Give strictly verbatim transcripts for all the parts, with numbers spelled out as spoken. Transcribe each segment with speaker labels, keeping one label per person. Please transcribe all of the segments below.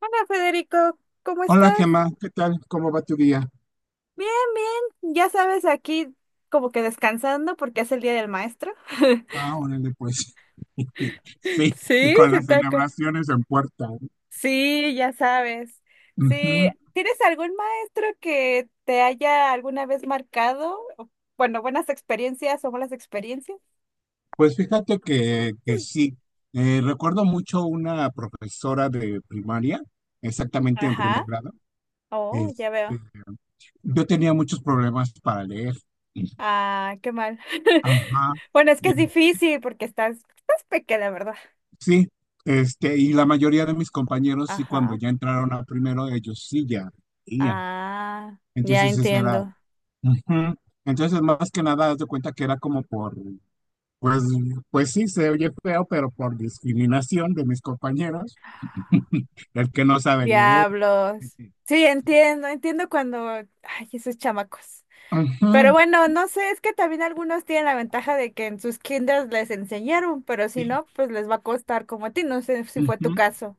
Speaker 1: Hola Federico, ¿cómo
Speaker 2: Hola
Speaker 1: estás?
Speaker 2: Gemma, ¿qué tal? ¿Cómo va tu día?
Speaker 1: Bien, bien, ya sabes, aquí como que descansando porque es el Día del Maestro.
Speaker 2: Ah, órale pues. Sí, y
Speaker 1: Sí,
Speaker 2: con
Speaker 1: se
Speaker 2: las
Speaker 1: taca.
Speaker 2: celebraciones en puerta, ¿no?
Speaker 1: Sí, ya sabes. Sí,
Speaker 2: Ujú.
Speaker 1: ¿tienes algún maestro que te haya alguna vez marcado? O, bueno, buenas experiencias o malas experiencias.
Speaker 2: Pues fíjate que, que sí. Eh, recuerdo mucho una profesora de primaria, exactamente en primer
Speaker 1: Ajá.
Speaker 2: grado.
Speaker 1: Oh,
Speaker 2: Este,
Speaker 1: ya veo.
Speaker 2: yo tenía muchos problemas para leer.
Speaker 1: Ah, qué mal.
Speaker 2: Ajá.
Speaker 1: Bueno, es que
Speaker 2: Eh,
Speaker 1: es difícil porque estás, estás pequeña, ¿verdad?
Speaker 2: sí, este, y la mayoría de mis compañeros sí, cuando
Speaker 1: Ajá.
Speaker 2: ya entraron a primero, ellos sí ya leían.
Speaker 1: Ah, ya
Speaker 2: Entonces, esa era.
Speaker 1: entiendo.
Speaker 2: Ujú. Entonces, más que nada, haz de cuenta que era como por, pues, pues sí, se oye feo, pero por discriminación de mis compañeros, el que no sabe leer.
Speaker 1: Diablos. Sí, entiendo, entiendo cuando, ay, esos chamacos. Pero
Speaker 2: Ujú.
Speaker 1: bueno, no sé, es que también algunos tienen la ventaja de que en sus kinders les enseñaron, pero si
Speaker 2: Sí,
Speaker 1: no, pues les va a costar como a ti, no sé si fue tu
Speaker 2: ujú.
Speaker 1: caso.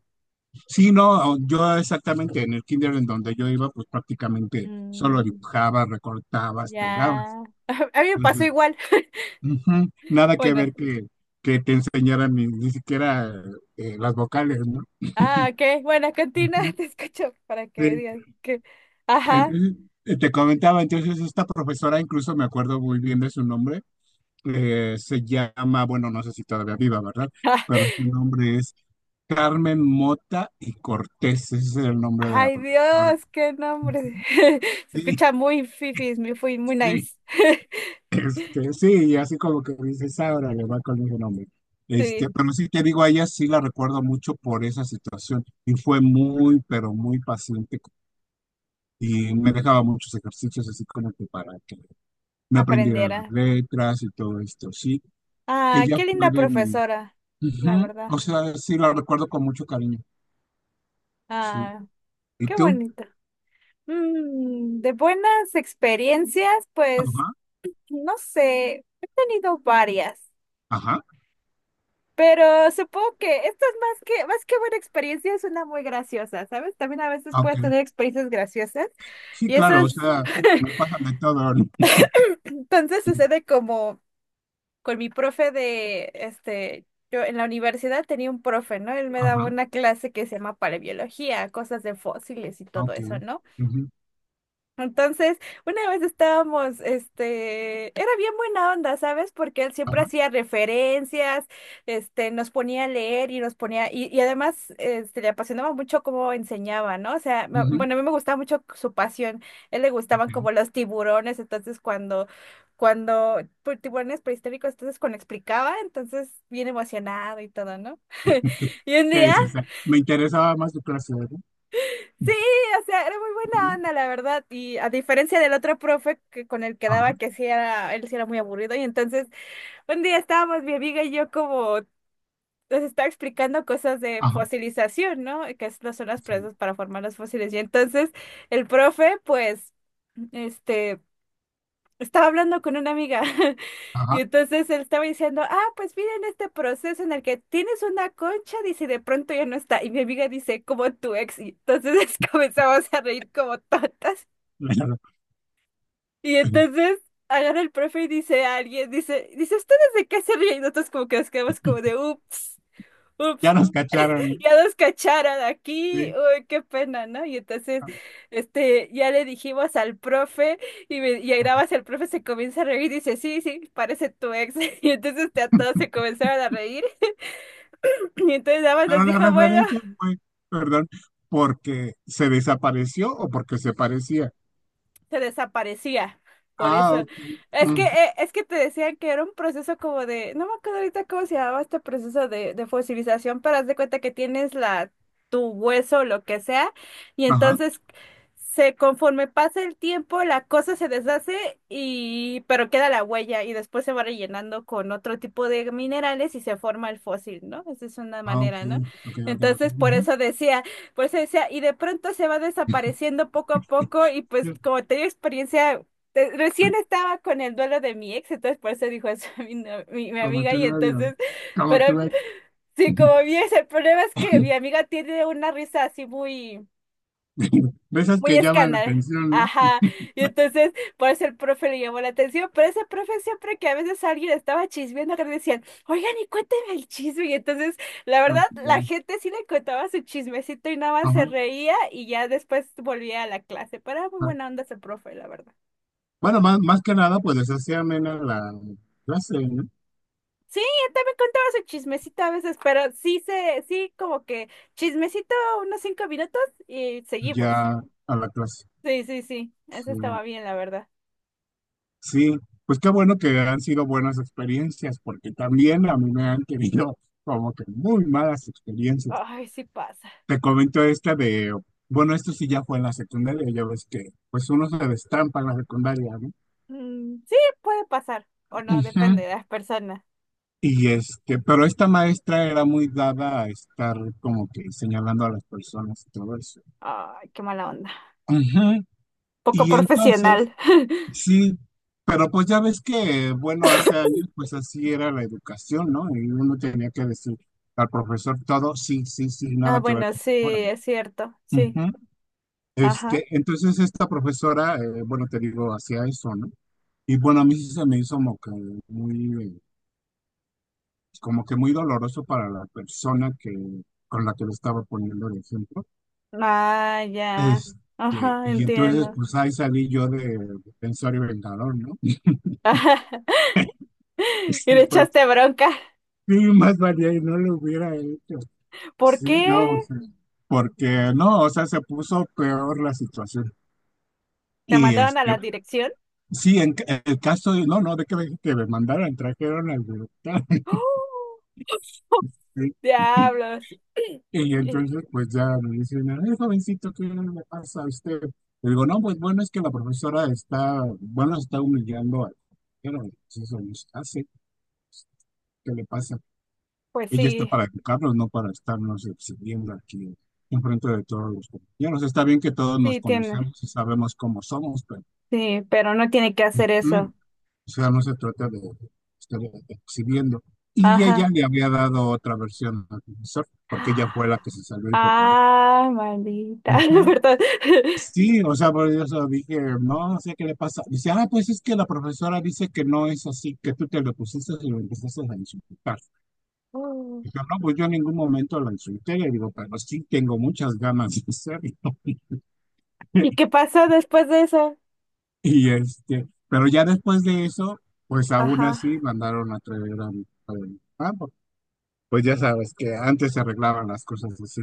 Speaker 2: Sí, no, yo exactamente en el kinder en donde yo iba, pues prácticamente solo
Speaker 1: Mm,
Speaker 2: dibujabas, recortabas, pegabas.
Speaker 1: ya. A mí me pasó
Speaker 2: Entonces,
Speaker 1: igual.
Speaker 2: ujú, nada que ver
Speaker 1: Bueno.
Speaker 2: que, que te enseñaran ni, ni siquiera eh, las vocales, ¿no?
Speaker 1: Ah, ok. Bueno, cantina,
Speaker 2: Ujú.
Speaker 1: te escucho para que me
Speaker 2: Sí.
Speaker 1: digas que. Ajá.
Speaker 2: Entonces, eh, te comentaba, entonces esta profesora, incluso me acuerdo muy bien de su nombre. Eh, se llama, bueno, no sé si todavía viva, ¿verdad? Pero su nombre es Carmen Mota y Cortés, ese es el nombre de la
Speaker 1: Ay,
Speaker 2: profesora.
Speaker 1: Dios, qué nombre. Se
Speaker 2: Sí,
Speaker 1: escucha muy fifis, muy, fui- muy
Speaker 2: sí,
Speaker 1: nice.
Speaker 2: este, sí, y así como que dices, ahora le va con ese nombre. Este,
Speaker 1: Sí.
Speaker 2: pero sí te digo, a ella sí la recuerdo mucho por esa situación y fue muy, pero muy paciente, y me dejaba muchos ejercicios así como que para que me aprendiera las
Speaker 1: Aprendiera.
Speaker 2: letras y todo esto, sí.
Speaker 1: Ah,
Speaker 2: Ella
Speaker 1: qué
Speaker 2: fue
Speaker 1: linda
Speaker 2: de mi...
Speaker 1: profesora, la
Speaker 2: Ujú.
Speaker 1: verdad.
Speaker 2: O sea, sí, la recuerdo con mucho cariño, sí.
Speaker 1: Ah,
Speaker 2: ¿Y
Speaker 1: qué
Speaker 2: tú?
Speaker 1: bonito. Mm, de buenas experiencias, pues,
Speaker 2: Ajá,
Speaker 1: no sé, he tenido varias,
Speaker 2: ajá,
Speaker 1: pero supongo que esto es más que, más que buena experiencia, es una muy graciosa, ¿sabes? También a veces
Speaker 2: ah,
Speaker 1: puedes
Speaker 2: ok.
Speaker 1: tener experiencias graciosas
Speaker 2: Sí,
Speaker 1: y eso
Speaker 2: claro, o
Speaker 1: es,
Speaker 2: sea, nos pasan de todo, ¿no?
Speaker 1: entonces sucede como... Con mi profe de, este, yo en la universidad tenía un profe, ¿no? Él me daba
Speaker 2: Ajá,
Speaker 1: una clase que se llama paleobiología, cosas de fósiles y
Speaker 2: ah,
Speaker 1: todo
Speaker 2: ok,
Speaker 1: eso, ¿no?
Speaker 2: ujú,
Speaker 1: Entonces, una vez estábamos, este, era bien buena onda, ¿sabes? Porque él siempre
Speaker 2: ajá,
Speaker 1: hacía referencias, este, nos ponía a leer y nos ponía, y, y además, este, le apasionaba mucho cómo enseñaba, ¿no? O sea, me-
Speaker 2: ujú,
Speaker 1: bueno, a mí me gustaba mucho su pasión, a él le gustaban
Speaker 2: ok.
Speaker 1: como los tiburones, entonces cuando, cuando, pues, tiburones prehistóricos, entonces cuando explicaba, entonces bien emocionado y todo, ¿no? Y un
Speaker 2: ¿Qué
Speaker 1: día
Speaker 2: dices? Me interesaba más tu clase, ¿verdad?
Speaker 1: sí, o sea, era muy
Speaker 2: Ujú,
Speaker 1: buena onda, la verdad. Y a diferencia del otro profe que con el que
Speaker 2: ajá,
Speaker 1: daba, que sí era, él sí era muy aburrido. Y entonces, un día estábamos mi amiga y yo como les estaba explicando cosas de
Speaker 2: ajá,
Speaker 1: fosilización, ¿no? Que es- son las
Speaker 2: sí,
Speaker 1: presas para formar los fósiles. Y entonces el profe, pues, este estaba hablando con una amiga. Y
Speaker 2: ajá,
Speaker 1: entonces él estaba diciendo, ah, pues miren este proceso en el que tienes una concha, dice, y de pronto ya no está. Y mi amiga dice, como tu ex. Y entonces comenzamos a reír como tontas.
Speaker 2: claro.
Speaker 1: Y entonces agarra el profe y dice a alguien, dice, dice, ¿ustedes de qué se ríen? Y nosotros como que nos quedamos como de, ups,
Speaker 2: Ya
Speaker 1: ups,
Speaker 2: nos cacharon, ¿no?
Speaker 1: ya nos cacharon
Speaker 2: Sí.
Speaker 1: aquí, uy, qué pena, ¿no? Y entonces, este, ya le dijimos al profe y, me, y ahí nada más el profe se comienza a reír y dice, sí, sí, parece tu ex. Y entonces este, a todos se comenzaron a reír y entonces nada más nos
Speaker 2: Pero la
Speaker 1: dijo, bueno.
Speaker 2: referencia fue, perdón, ¿porque se desapareció o porque se parecía?
Speaker 1: Se desaparecía. Por
Speaker 2: Ah,
Speaker 1: eso,
Speaker 2: ok.
Speaker 1: es que,
Speaker 2: Mm,
Speaker 1: eh, es que te decían que era un proceso como de, no me acuerdo ahorita cómo se llamaba este proceso de, de fosilización, pero haz de cuenta que tienes la, tu hueso o lo que sea, y
Speaker 2: ajá.
Speaker 1: entonces se, conforme pasa el tiempo, la cosa se deshace y, pero queda la huella y después se va rellenando con otro tipo de minerales y se forma el fósil, ¿no? Esa es una
Speaker 2: Ah, ok.
Speaker 1: manera, ¿no?
Speaker 2: Ok, ok, ok.
Speaker 1: Entonces, por
Speaker 2: Ujú.
Speaker 1: eso decía pues se decía, y de pronto se va desapareciendo poco a poco y pues
Speaker 2: Sí.
Speaker 1: como tenía experiencia, te- recién estaba con el duelo de mi ex, entonces por eso dijo eso a mi, no- mi, mi
Speaker 2: Como
Speaker 1: amiga
Speaker 2: tu
Speaker 1: y
Speaker 2: novio.
Speaker 1: entonces,
Speaker 2: Como tu
Speaker 1: pero
Speaker 2: ex.
Speaker 1: sí, como vi ese, el problema es que mi amiga tiene una risa así muy
Speaker 2: De esas
Speaker 1: muy
Speaker 2: que llaman la
Speaker 1: escándalo.
Speaker 2: atención, ¿no?
Speaker 1: Ajá. Y entonces, por eso el profe le llamó la atención, pero ese profe siempre que a veces alguien estaba chismeando, que le decían, oigan, y cuénteme el chisme. Y entonces, la verdad, la
Speaker 2: Ok,
Speaker 1: gente sí le contaba su chismecito y nada más
Speaker 2: ajá,
Speaker 1: se reía y ya después volvía a la clase. Pero era muy
Speaker 2: ajá.
Speaker 1: buena onda ese profe, la verdad.
Speaker 2: Bueno, más, más que nada, pues así amena la clase, ¿no?
Speaker 1: Sí, él también contaba su chismecito a veces, pero sí se, sí como que chismecito unos cinco minutos y seguimos.
Speaker 2: Ya a la clase.
Speaker 1: Sí, sí, sí, eso
Speaker 2: Sí.
Speaker 1: estaba bien, la verdad.
Speaker 2: Sí, pues qué bueno que han sido buenas experiencias, porque también a mí me han tenido como que muy malas experiencias.
Speaker 1: Ay, sí pasa.
Speaker 2: Te comento esta de, bueno, esto sí ya fue en la secundaria, ya ves que pues uno se destampa en la secundaria, ¿no?
Speaker 1: Mm, sí, puede pasar. O no, depende
Speaker 2: Ujú.
Speaker 1: de las personas.
Speaker 2: Y este, pero esta maestra era muy dada a estar como que señalando a las personas y todo eso.
Speaker 1: Ay, qué mala onda.
Speaker 2: Ujú.
Speaker 1: Poco
Speaker 2: Y entonces,
Speaker 1: profesional.
Speaker 2: sí, pero pues ya ves que, bueno, hace años pues así era la educación, ¿no? Y uno tenía que decir al profesor todo, sí, sí, sí,
Speaker 1: Ah,
Speaker 2: nada que ver
Speaker 1: bueno,
Speaker 2: con
Speaker 1: sí,
Speaker 2: ahora.
Speaker 1: es cierto. Sí.
Speaker 2: Ujú.
Speaker 1: Ajá.
Speaker 2: Este, entonces esta profesora, eh, bueno, te digo, hacía eso, ¿no? Y bueno, a mí sí se me hizo como que muy, eh, como que muy doloroso para la persona que, con la que lo estaba poniendo el ejemplo.
Speaker 1: Ah, ya.
Speaker 2: Este,
Speaker 1: Ajá,
Speaker 2: y entonces
Speaker 1: entiendo.
Speaker 2: pues ahí salí yo de pensar y vengador, ¿no?
Speaker 1: Y
Speaker 2: Sí,
Speaker 1: le
Speaker 2: fue.
Speaker 1: echaste bronca.
Speaker 2: Sí, más valía y no lo hubiera hecho.
Speaker 1: ¿Por
Speaker 2: Sí,
Speaker 1: qué?
Speaker 2: no, o sea, porque no, o sea, se puso peor la situación.
Speaker 1: ¿Te
Speaker 2: Y
Speaker 1: mandaron a
Speaker 2: este,
Speaker 1: la dirección?
Speaker 2: sí, en ca- el caso de, no, no, de que me, que me mandaran, trajeron al director.
Speaker 1: ¡Oh!
Speaker 2: ¿Sí?
Speaker 1: Diablos.
Speaker 2: Y
Speaker 1: Eh,
Speaker 2: entonces, pues ya me dicen, "Ay, jovencito, ¿qué le pasa a usted?". Le digo, no, pues bueno, es que la profesora está, bueno, está humillando a, pero pues, eso no se hace. ¿Qué le pasa?
Speaker 1: pues
Speaker 2: Ella está
Speaker 1: sí,
Speaker 2: para educarlos, no para estarnos exhibiendo aquí enfrente de todos los compañeros. Está bien que todos nos
Speaker 1: sí tiene.
Speaker 2: conocemos y sabemos cómo somos, pero
Speaker 1: Sí, pero no tiene que hacer
Speaker 2: ujú,
Speaker 1: eso.
Speaker 2: o sea, no se trata de estar exhibiendo. Y ella
Speaker 1: Ajá.
Speaker 2: le había dado otra versión al profesor, porque ella fue la que se salió y fue por él.
Speaker 1: Ah, maldita,
Speaker 2: Ujú.
Speaker 1: perdón.
Speaker 2: Sí, o sea, por eso dije, no, no sé qué le pasa. Dice, ah, pues es que la profesora dice que no es así, que tú te lo pusiste y lo empezaste a insultar.
Speaker 1: Mm.
Speaker 2: Dijo, no, pues yo en ningún momento la insulté, le digo, pero sí tengo muchas ganas de hacerlo.
Speaker 1: ¿Y qué pasó después de eso?
Speaker 2: Y este, pero ya después de eso, pues aún así
Speaker 1: Ajá.
Speaker 2: mandaron a traer a mi padre. Ah, pues pues ya sabes que antes se arreglaban las cosas así.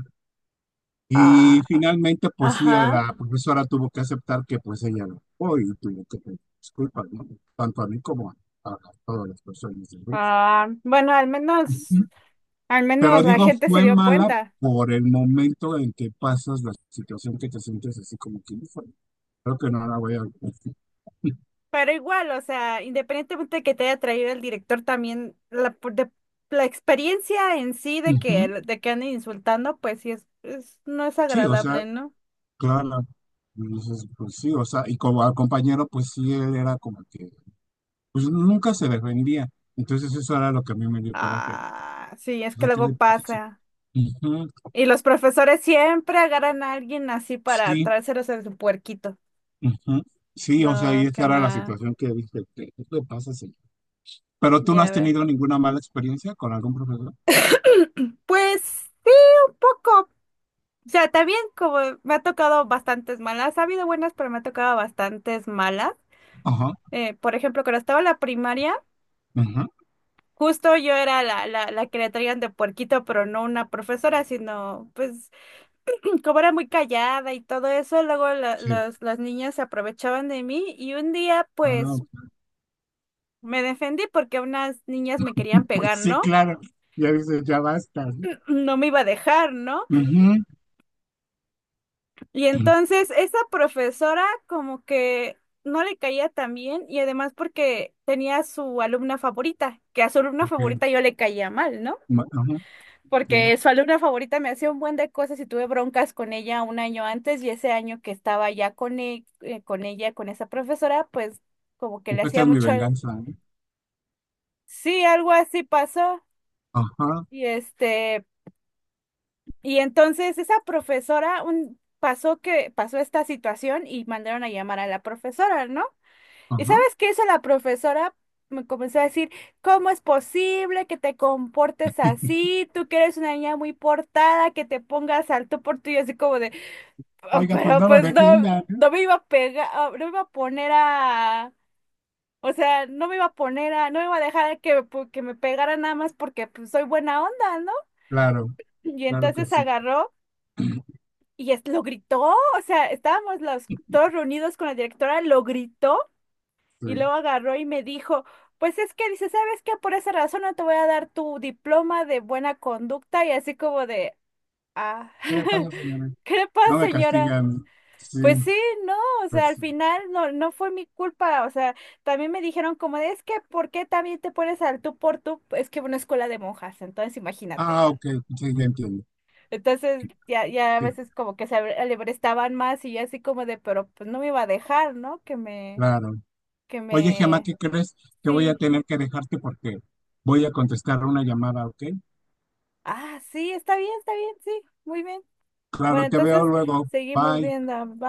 Speaker 2: Y
Speaker 1: Ah,
Speaker 2: finalmente, pues sí,
Speaker 1: ajá.
Speaker 2: la profesora tuvo que aceptar que pues ella lo fue y tuvo que pedir disculpas, ¿no? Tanto a mí como a, a todas las personas del grupo.
Speaker 1: Ah, bueno, al menos, al
Speaker 2: Pero
Speaker 1: menos la
Speaker 2: digo,
Speaker 1: gente se
Speaker 2: fue
Speaker 1: dio
Speaker 2: mala
Speaker 1: cuenta.
Speaker 2: por el momento en que pasas la situación que te sientes así como que fue. Creo que no la voy a...
Speaker 1: Pero igual, o sea, independientemente de que te haya traído el director, también la, por- de- la experiencia en sí de
Speaker 2: Ujú.
Speaker 1: que, de que anden insultando, pues sí es, es- no es
Speaker 2: Sí, o sea,
Speaker 1: agradable, ¿no?
Speaker 2: claro. Entonces, pues sí, o sea, y como al compañero, pues sí, él era como que, pues nunca se defendía. Entonces eso era lo que a mí me dio coraje.
Speaker 1: Ah, sí, es
Speaker 2: O
Speaker 1: que
Speaker 2: sea, ¿qué
Speaker 1: luego
Speaker 2: le pasa? Sí,
Speaker 1: pasa.
Speaker 2: ujú,
Speaker 1: Y los profesores siempre agarran a alguien así para
Speaker 2: sí,
Speaker 1: traérselos en su puerquito.
Speaker 2: ujú. Sí, o sea, y
Speaker 1: No, qué
Speaker 2: esa era la
Speaker 1: más.
Speaker 2: situación que dije, ¿qué qué le pasa? Sí. Pero tú no
Speaker 1: Ya
Speaker 2: has
Speaker 1: ve.
Speaker 2: tenido ninguna mala experiencia con algún profesor.
Speaker 1: Pues sí, un poco. O sea, también como me ha tocado bastantes malas. Ha habido buenas, pero me ha tocado bastantes malas.
Speaker 2: Ajá,
Speaker 1: Eh, por ejemplo, cuando estaba en la primaria,
Speaker 2: ajá,
Speaker 1: justo yo era la, la, la que le traían de puerquito, pero no una profesora, sino pues como era muy callada y todo eso, luego la- las las niñas se aprovechaban de mí y un día
Speaker 2: ah,
Speaker 1: pues
Speaker 2: ok,
Speaker 1: me defendí porque unas niñas me querían pegar,
Speaker 2: pues sí,
Speaker 1: ¿no?
Speaker 2: claro. Ya dices, ya basta, ¿no?
Speaker 1: No me iba a dejar, ¿no?
Speaker 2: Ujú.
Speaker 1: Y entonces esa profesora como que no le caía tan bien y además porque tenía su alumna favorita, que a su alumna
Speaker 2: Ok.
Speaker 1: favorita yo le caía mal, ¿no?
Speaker 2: Ma- ajá, ya.
Speaker 1: Porque su alumna favorita me hacía un buen de cosas y tuve broncas con ella un año antes y ese año que estaba ya con, e- eh, con ella, con esa profesora, pues como que
Speaker 2: Pues
Speaker 1: le
Speaker 2: esta
Speaker 1: hacía
Speaker 2: es mi
Speaker 1: mucho... el-
Speaker 2: venganza, ¿no?
Speaker 1: Sí, algo así pasó.
Speaker 2: Ajá.
Speaker 1: Y este, y entonces esa profesora un, pasó que pasó esta situación y mandaron a llamar a la profesora, ¿no? ¿Y
Speaker 2: Ajá.
Speaker 1: sabes qué hizo la profesora? Me comenzó a decir, ¿cómo es posible que te comportes así? Tú que eres una niña muy portada, que te pongas al tú por tú y así como de, "Oh,
Speaker 2: Oiga, pues
Speaker 1: pero
Speaker 2: no me
Speaker 1: pues no,
Speaker 2: defienda, ¿no?
Speaker 1: no me iba a pegar, ah, no me iba a poner a, o sea, no me iba a poner a, no me iba a dejar que, pu- que me pegara nada más porque pues, soy buena onda, ¿no?
Speaker 2: Claro,
Speaker 1: Y
Speaker 2: claro que
Speaker 1: entonces
Speaker 2: sí,
Speaker 1: agarró y es- lo gritó, o sea, estábamos los todos reunidos con la directora, lo gritó. Y
Speaker 2: sí.
Speaker 1: luego agarró y me dijo, pues es que dice, ¿sabes qué? Por esa razón no te voy a dar tu diploma de buena conducta y así como de, ah,
Speaker 2: ¿Qué le pasa, señora?
Speaker 1: ¿qué le pasa,
Speaker 2: No me
Speaker 1: señora?
Speaker 2: castigan. Sí,
Speaker 1: Pues sí, no, o sea,
Speaker 2: pues
Speaker 1: al
Speaker 2: sí.
Speaker 1: final no, no fue mi culpa, o sea, también me dijeron como de, es que, ¿por qué también te pones al tú por tú? Es que una escuela de monjas, entonces imagínate,
Speaker 2: Ah,
Speaker 1: ¿no?
Speaker 2: ok. Sí, ya entiendo.
Speaker 1: Entonces
Speaker 2: Sí,
Speaker 1: ya, ya a
Speaker 2: sí,
Speaker 1: veces como que se estaban más y yo así como de, pero pues no me iba a dejar, ¿no? Que me,
Speaker 2: claro.
Speaker 1: que
Speaker 2: Oye, Gemma,
Speaker 1: me,
Speaker 2: ¿qué crees? Que voy a
Speaker 1: sí.
Speaker 2: tener que dejarte porque voy a contestar una llamada, ¿ok?
Speaker 1: Ah, sí, está bien, está bien, sí, muy bien.
Speaker 2: Claro,
Speaker 1: Bueno,
Speaker 2: te veo
Speaker 1: entonces
Speaker 2: luego.
Speaker 1: seguimos
Speaker 2: Bye.
Speaker 1: viendo.